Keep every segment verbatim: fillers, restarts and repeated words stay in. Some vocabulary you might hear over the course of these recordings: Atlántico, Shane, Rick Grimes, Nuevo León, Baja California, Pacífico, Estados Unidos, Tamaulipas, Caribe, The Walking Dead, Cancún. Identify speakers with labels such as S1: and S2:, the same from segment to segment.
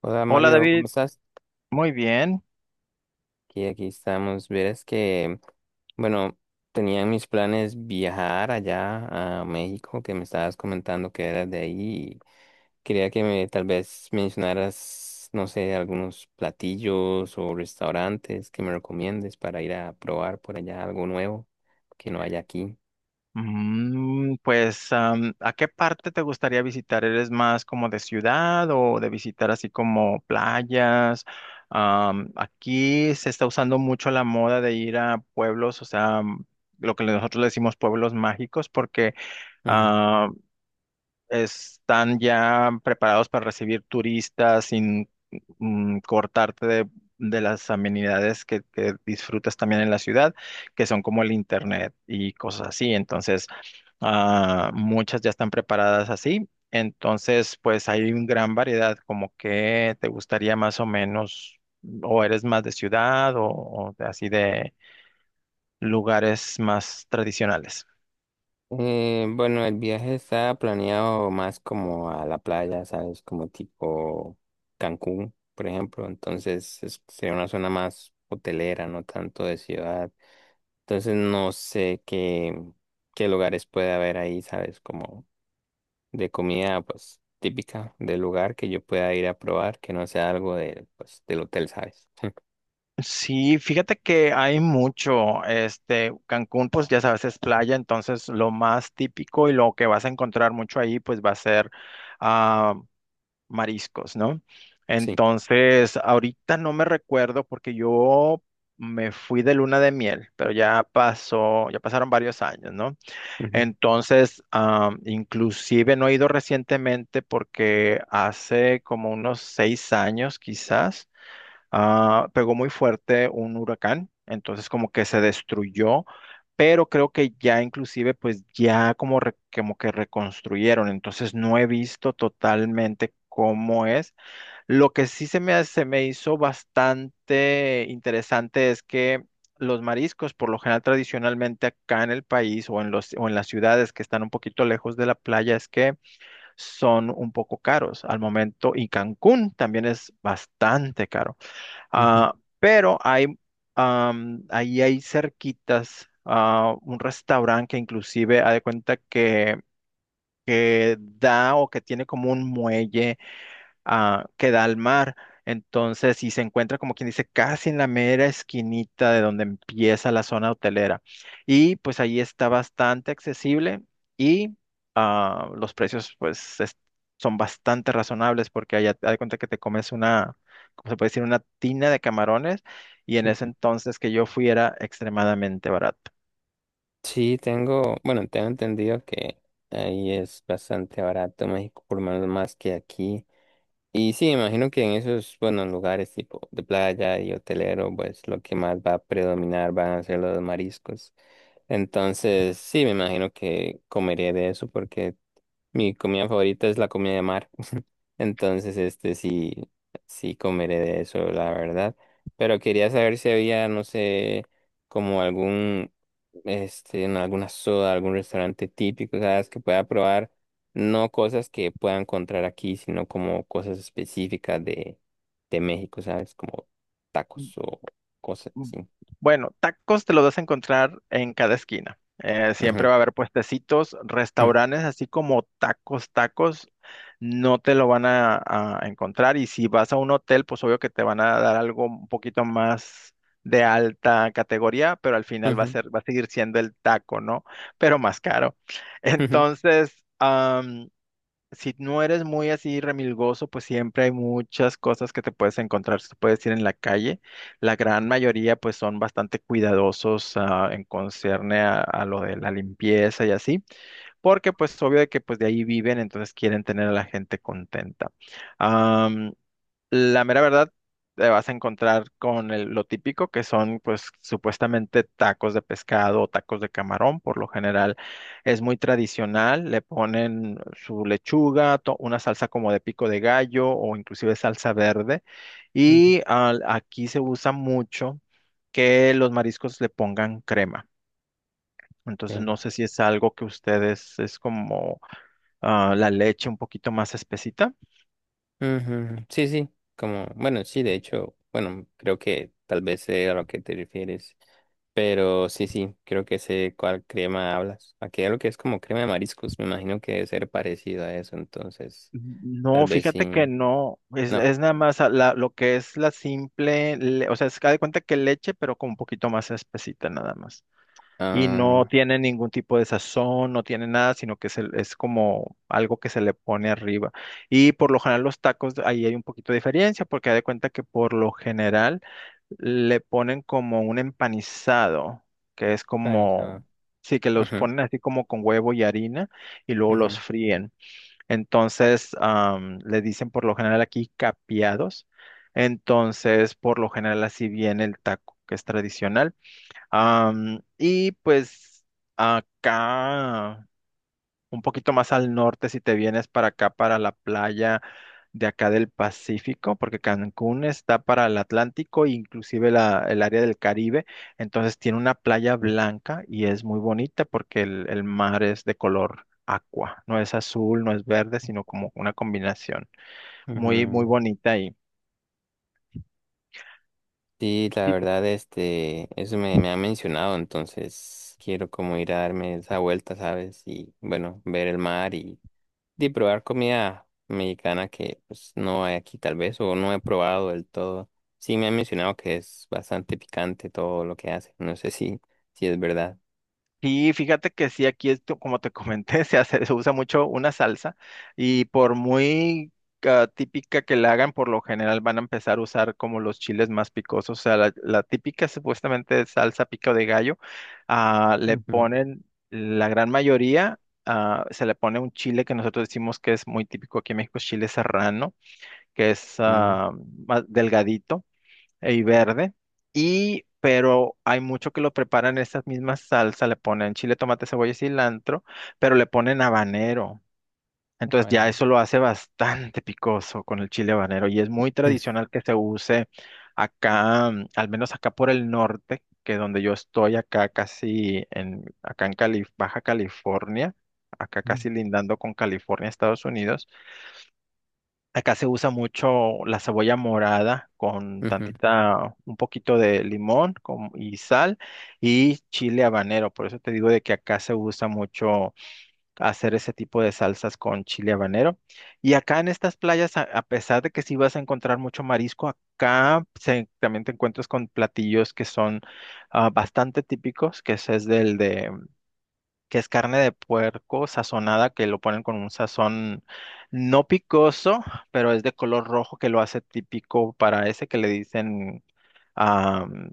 S1: Hola
S2: Hola
S1: Mario, ¿cómo
S2: David,
S1: estás?
S2: muy bien.
S1: Aquí, aquí estamos. Verás que, bueno, tenía en mis planes viajar allá a México, que me estabas comentando que eras de ahí. y Quería que me tal vez mencionaras, no sé, algunos platillos o restaurantes que me recomiendes para ir a probar por allá algo nuevo que no haya aquí.
S2: Mm, pues, am, ¿a qué parte te gustaría visitar? ¿Eres más como de ciudad o de visitar así como playas? Am, aquí se está usando mucho la moda de ir a pueblos, o sea, am, lo que nosotros le decimos pueblos mágicos, porque están ya preparados para recibir turistas sin mm, cortarte de, de las amenidades que, que disfrutas también en la ciudad, que son como el internet y cosas así. Entonces, ah, muchas ya están preparadas así. Entonces, pues hay una gran variedad, como que te gustaría más o menos, o eres más de ciudad o, o de- así de lugares más tradicionales.
S1: Eh, bueno, el viaje está planeado más como a la playa, ¿sabes? Como tipo Cancún, por ejemplo. Entonces es- sería una zona más hotelera, no tanto de ciudad. Entonces no sé qué, qué lugares puede haber ahí, ¿sabes? Como de comida, pues típica del lugar que yo pueda ir a probar, que no sea algo de, pues, del hotel, ¿sabes?
S2: Sí, fíjate que hay mucho, este, Cancún, pues ya sabes, es playa, entonces lo más típico y lo que vas a encontrar mucho ahí, pues va a ser ah, mariscos, ¿no?
S1: Sí.
S2: Entonces, ahorita no me recuerdo porque yo me fui de luna de miel, pero ya pasó, ya pasaron varios años, ¿no?
S1: Ujú,
S2: Entonces, ah, inclusive no he ido recientemente porque hace como unos seis años quizás ah, pegó muy fuerte un huracán, entonces como que se destruyó, pero creo que ya inclusive pues ya como, re- como que reconstruyeron, entonces no he visto totalmente cómo es. Lo que sí se me, ha- se me hizo bastante interesante es que los mariscos, por lo general tradicionalmente acá en el país o en los, o en las ciudades que están un poquito lejos de la playa, es que son un poco caros al momento y Cancún también es bastante caro.
S1: ujú,
S2: Ah, pero hay, am, ahí hay cerquitas ah, un restaurante que inclusive ha de cuenta que, que da o que tiene como un muelle ah, que da al mar. Entonces, si se encuentra, como quien dice, casi en la mera esquinita de donde empieza la zona hotelera. Y pues ahí está bastante accesible y ah, los precios pues es- son bastante razonables porque allá te das cuenta que te comes una, ¿cómo se puede decir? Una tina de camarones y en ese
S1: ujú.
S2: entonces que yo fui era extremadamente barato.
S1: Sí, tengo, bueno, tengo entendido que ahí es bastante barato México, por lo menos más que aquí. Y sí, imagino que en esos, bueno, lugares tipo de playa y hotelero, pues lo que más va a predominar van a ser los mariscos. Entonces, sí, me imagino que comeré de eso porque mi comida favorita es la comida de mar. Entonces, este sí, sí comeré de eso, la verdad. Pero quería saber si había, no sé, como algún, este, en alguna soda, algún restaurante típico, ¿sabes? Que pueda probar, no cosas que pueda encontrar aquí, sino como cosas específicas de, de México, ¿sabes? Como tacos o cosas
S2: Mm,
S1: así.
S2: Bueno, tacos te los vas a encontrar en cada esquina. Eh, siempre
S1: Ujú,
S2: va a haber puestecitos,
S1: ujú,
S2: restaurantes, así como tacos, tacos, no te lo van a, a encontrar. Y si vas a un hotel, pues obvio que te van a dar algo un poquito más de alta categoría, pero al final va a
S1: ujú,
S2: ser, va a seguir siendo el taco, ¿no? Pero más caro.
S1: ujú,
S2: Entonces, si no eres muy así remilgoso, pues siempre hay muchas cosas que te puedes encontrar, te puedes ir en la calle. La gran mayoría pues son bastante cuidadosos ah, en concerne a, a lo de la limpieza y así, porque pues obvio de que pues de ahí viven, entonces quieren tener a la gente contenta. La mera verdad, te vas a encontrar con el- lo típico que son, pues, supuestamente tacos de pescado o tacos de camarón. Por lo general es muy tradicional. Le ponen su lechuga, to- una salsa como de pico de gallo o inclusive salsa verde.
S1: ujú.
S2: Y al- aquí se usa mucho que los mariscos le pongan crema.
S1: Sí,
S2: Entonces, no sé si es algo que ustedes es como ah, la leche un poquito más espesita.
S1: ujú, sí, sí, como, bueno, sí, de hecho, bueno, creo que tal vez sé a lo que te refieres, pero sí, sí, creo que sé cuál crema hablas. Aquí lo que es como crema de mariscos, me imagino que debe ser parecido a eso, entonces, tal
S2: No,
S1: vez sí,
S2: fíjate que no, es,
S1: no,
S2: es nada más a la- lo que es la simple, le- o sea, es que haz de cuenta que leche, pero con un poquito más espesita nada más. Y no
S1: ah,
S2: tiene ningún tipo de sazón, no tiene nada, sino que es, el- es como algo que se le pone arriba. Y por lo general los tacos, ahí hay un poquito de diferencia, porque haz de cuenta que por lo general le ponen como un empanizado, que es
S1: Spanish,
S2: como,
S1: ah,
S2: sí, que los
S1: ujú,
S2: ponen así como con huevo y harina, y luego los fríen. Entonces, am, le dicen por lo general aquí capiados. Entonces, por lo general así viene el taco, que es tradicional. Am, y pues acá un poquito más al norte si te vienes para acá, para la playa de acá del Pacífico, porque Cancún está para el Atlántico e inclusive la- el área del Caribe. Entonces tiene una playa blanca y es muy bonita porque el, el mar es de color aqua, no es azul, no es verde, sino como una combinación
S1: ujú,
S2: muy, muy
S1: ujú.
S2: bonita ahí.
S1: Sí, la verdad, este, eso me, me ha mencionado, entonces quiero como ir a darme esa vuelta, ¿sabes? Y bueno, ver el mar de probar comida mexicana que pues no hay aquí tal vez o no he probado del todo. Sí me han mencionado que es bastante picante todo lo que hace. No sé si, si es verdad.
S2: Sí, fíjate que sí, aquí esto, como te comenté, se hace, se usa mucho una salsa y por muy ah, típica que la hagan, por lo general van a empezar a usar como los chiles más picosos. O sea, la, la típica supuestamente salsa pico de gallo, ah, le
S1: Ujú.
S2: ponen la gran mayoría, ah, se le pone un chile que nosotros decimos que es muy típico aquí en México, chile serrano, que es
S1: Mm,
S2: ah, más delgadito y verde. Y, pero hay mucho que lo preparan esas mismas salsas, le ponen chile, tomate, cebolla y cilantro, pero le ponen habanero. Entonces ya
S1: vale.
S2: eso lo hace bastante picoso con el chile habanero y es muy tradicional que se use acá, mm, al menos acá por el norte, que donde yo estoy acá casi en acá en Cali- Baja California, acá
S1: Ujú,
S2: casi lindando con California, Estados Unidos. Acá se usa mucho la cebolla morada con
S1: ujú.
S2: tantita, un poquito de limón con- y sal y chile habanero. Por eso te digo de que acá se usa mucho hacer ese tipo de salsas con chile habanero. Y acá en estas playas, a, a pesar de que sí vas a encontrar mucho marisco, acá se- también te encuentras con platillos que son ah, bastante típicos, que ese es del de que es carne de puerco sazonada, que lo ponen con un sazón no picoso, pero es de color rojo que lo hace típico para ese que le dicen am,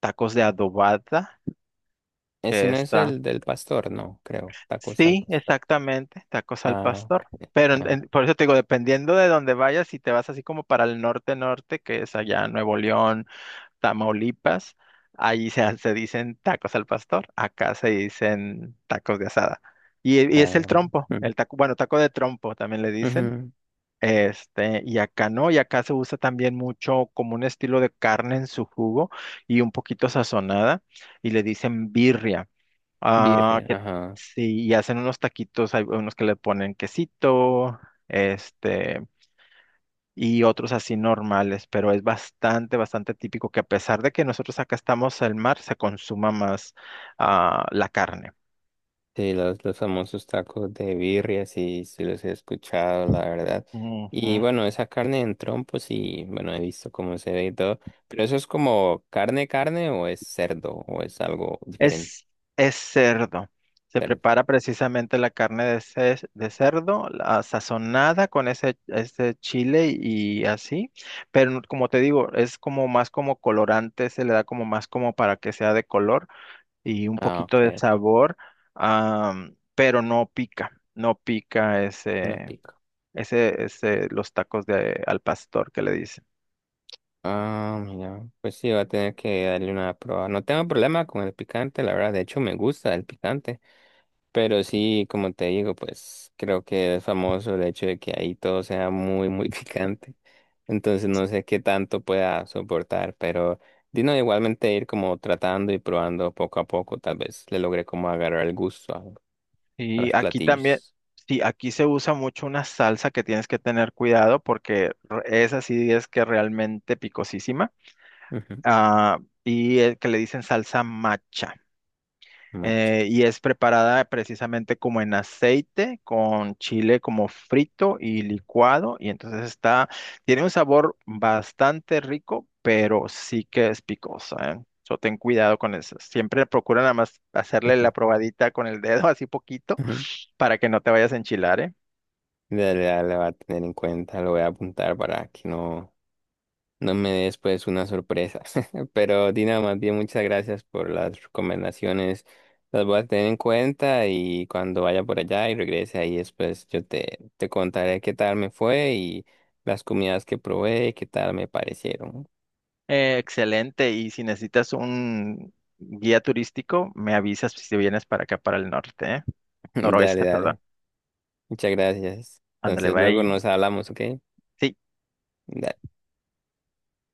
S2: tacos de adobada,
S1: Ese
S2: que
S1: no es
S2: está.
S1: el del pastor, no, creo. Tacos al
S2: Sí,
S1: pastor.
S2: exactamente, tacos al
S1: Ah,
S2: pastor.
S1: ok.
S2: Pero en- en-
S1: Ajá.
S2: por eso te digo, dependiendo de dónde vayas, si te vas así como para el norte-norte, que es allá Nuevo León, Tamaulipas, ahí se, se dicen tacos al pastor, acá se dicen tacos de asada. Y, y es el
S1: Ah,
S2: trompo,
S1: ujú.
S2: el taco, bueno, taco de trompo también le dicen.
S1: Ujú.
S2: Este, y acá no, y acá se usa también mucho como un estilo de carne en su jugo y un poquito sazonada, y le dicen birria. Ah,
S1: Birria,
S2: que
S1: ajá.
S2: sí, y hacen unos taquitos, hay unos que le ponen quesito, este y otros así normales, pero es bastante, bastante típico que a pesar de que nosotros acá estamos al mar, se consuma más ah, la carne.
S1: Sí, los, los famosos tacos de birria, sí, sí los he escuchado, la verdad.
S2: Ujú.
S1: Y bueno, esa carne en trompos, y bueno, he visto cómo se ve y todo. Pero eso es como carne, carne, o es cerdo, o es algo diferente.
S2: Es, es cerdo. Se
S1: Cerdo.
S2: prepara precisamente la carne de, ce- de cerdo, la sazonada con ese, ese chile y así, pero no- como te digo, es como más como colorante, se le da como más como para que sea de color y un
S1: Ah, ok,
S2: poquito de
S1: ok.
S2: sabor, ah, pero no pica, no pica
S1: No
S2: ese,
S1: pico.
S2: Ese, ese, los tacos de al pastor que le dicen.
S1: Ah, mira, pues sí, va a tener que darle una prueba. No tengo problema con el picante, la verdad. De hecho, me gusta el picante. Pero sí, como te digo, pues creo que es famoso el hecho de que ahí todo sea muy, muy picante. Entonces no sé qué tanto pueda soportar, pero Dino igualmente ir como tratando y probando poco a poco, tal vez le logre como agarrar el gusto a, a los
S2: Y aquí también,
S1: platillos.
S2: sí, aquí se usa mucho una salsa que tienes que tener cuidado porque re- esa sí es que realmente picosísima.
S1: Ujú,
S2: Ah, y el que le dicen salsa macha.
S1: macho.
S2: Eh, y es preparada precisamente como en aceite, con chile como frito y licuado, y entonces está, tiene un sabor bastante rico, pero sí que es picosa, ¿eh? So, ten cuidado con eso. Siempre procura nada más hacerle la
S1: Ujú,
S2: probadita con el dedo, así poquito,
S1: ujú.
S2: para que no te vayas a enchilar, ¿eh?
S1: Dale, dale, va a tener en cuenta, lo voy a apuntar para que no. No me des pues una sorpresa. Pero Dina, más bien muchas gracias por las recomendaciones. Las voy a tener en cuenta y cuando vaya por allá y regrese ahí después yo te, te contaré qué tal me fue y las comidas que probé, y qué tal me parecieron.
S2: Eh, excelente, y si necesitas un guía turístico, me avisas si vienes para acá, para el norte, ¿eh?
S1: Dale,
S2: Noroeste,
S1: dale.
S2: perdón.
S1: Muchas gracias.
S2: Ándale,
S1: Entonces
S2: va
S1: luego
S2: ahí.
S1: nos hablamos, ¿ok?
S2: Sí.
S1: Dale.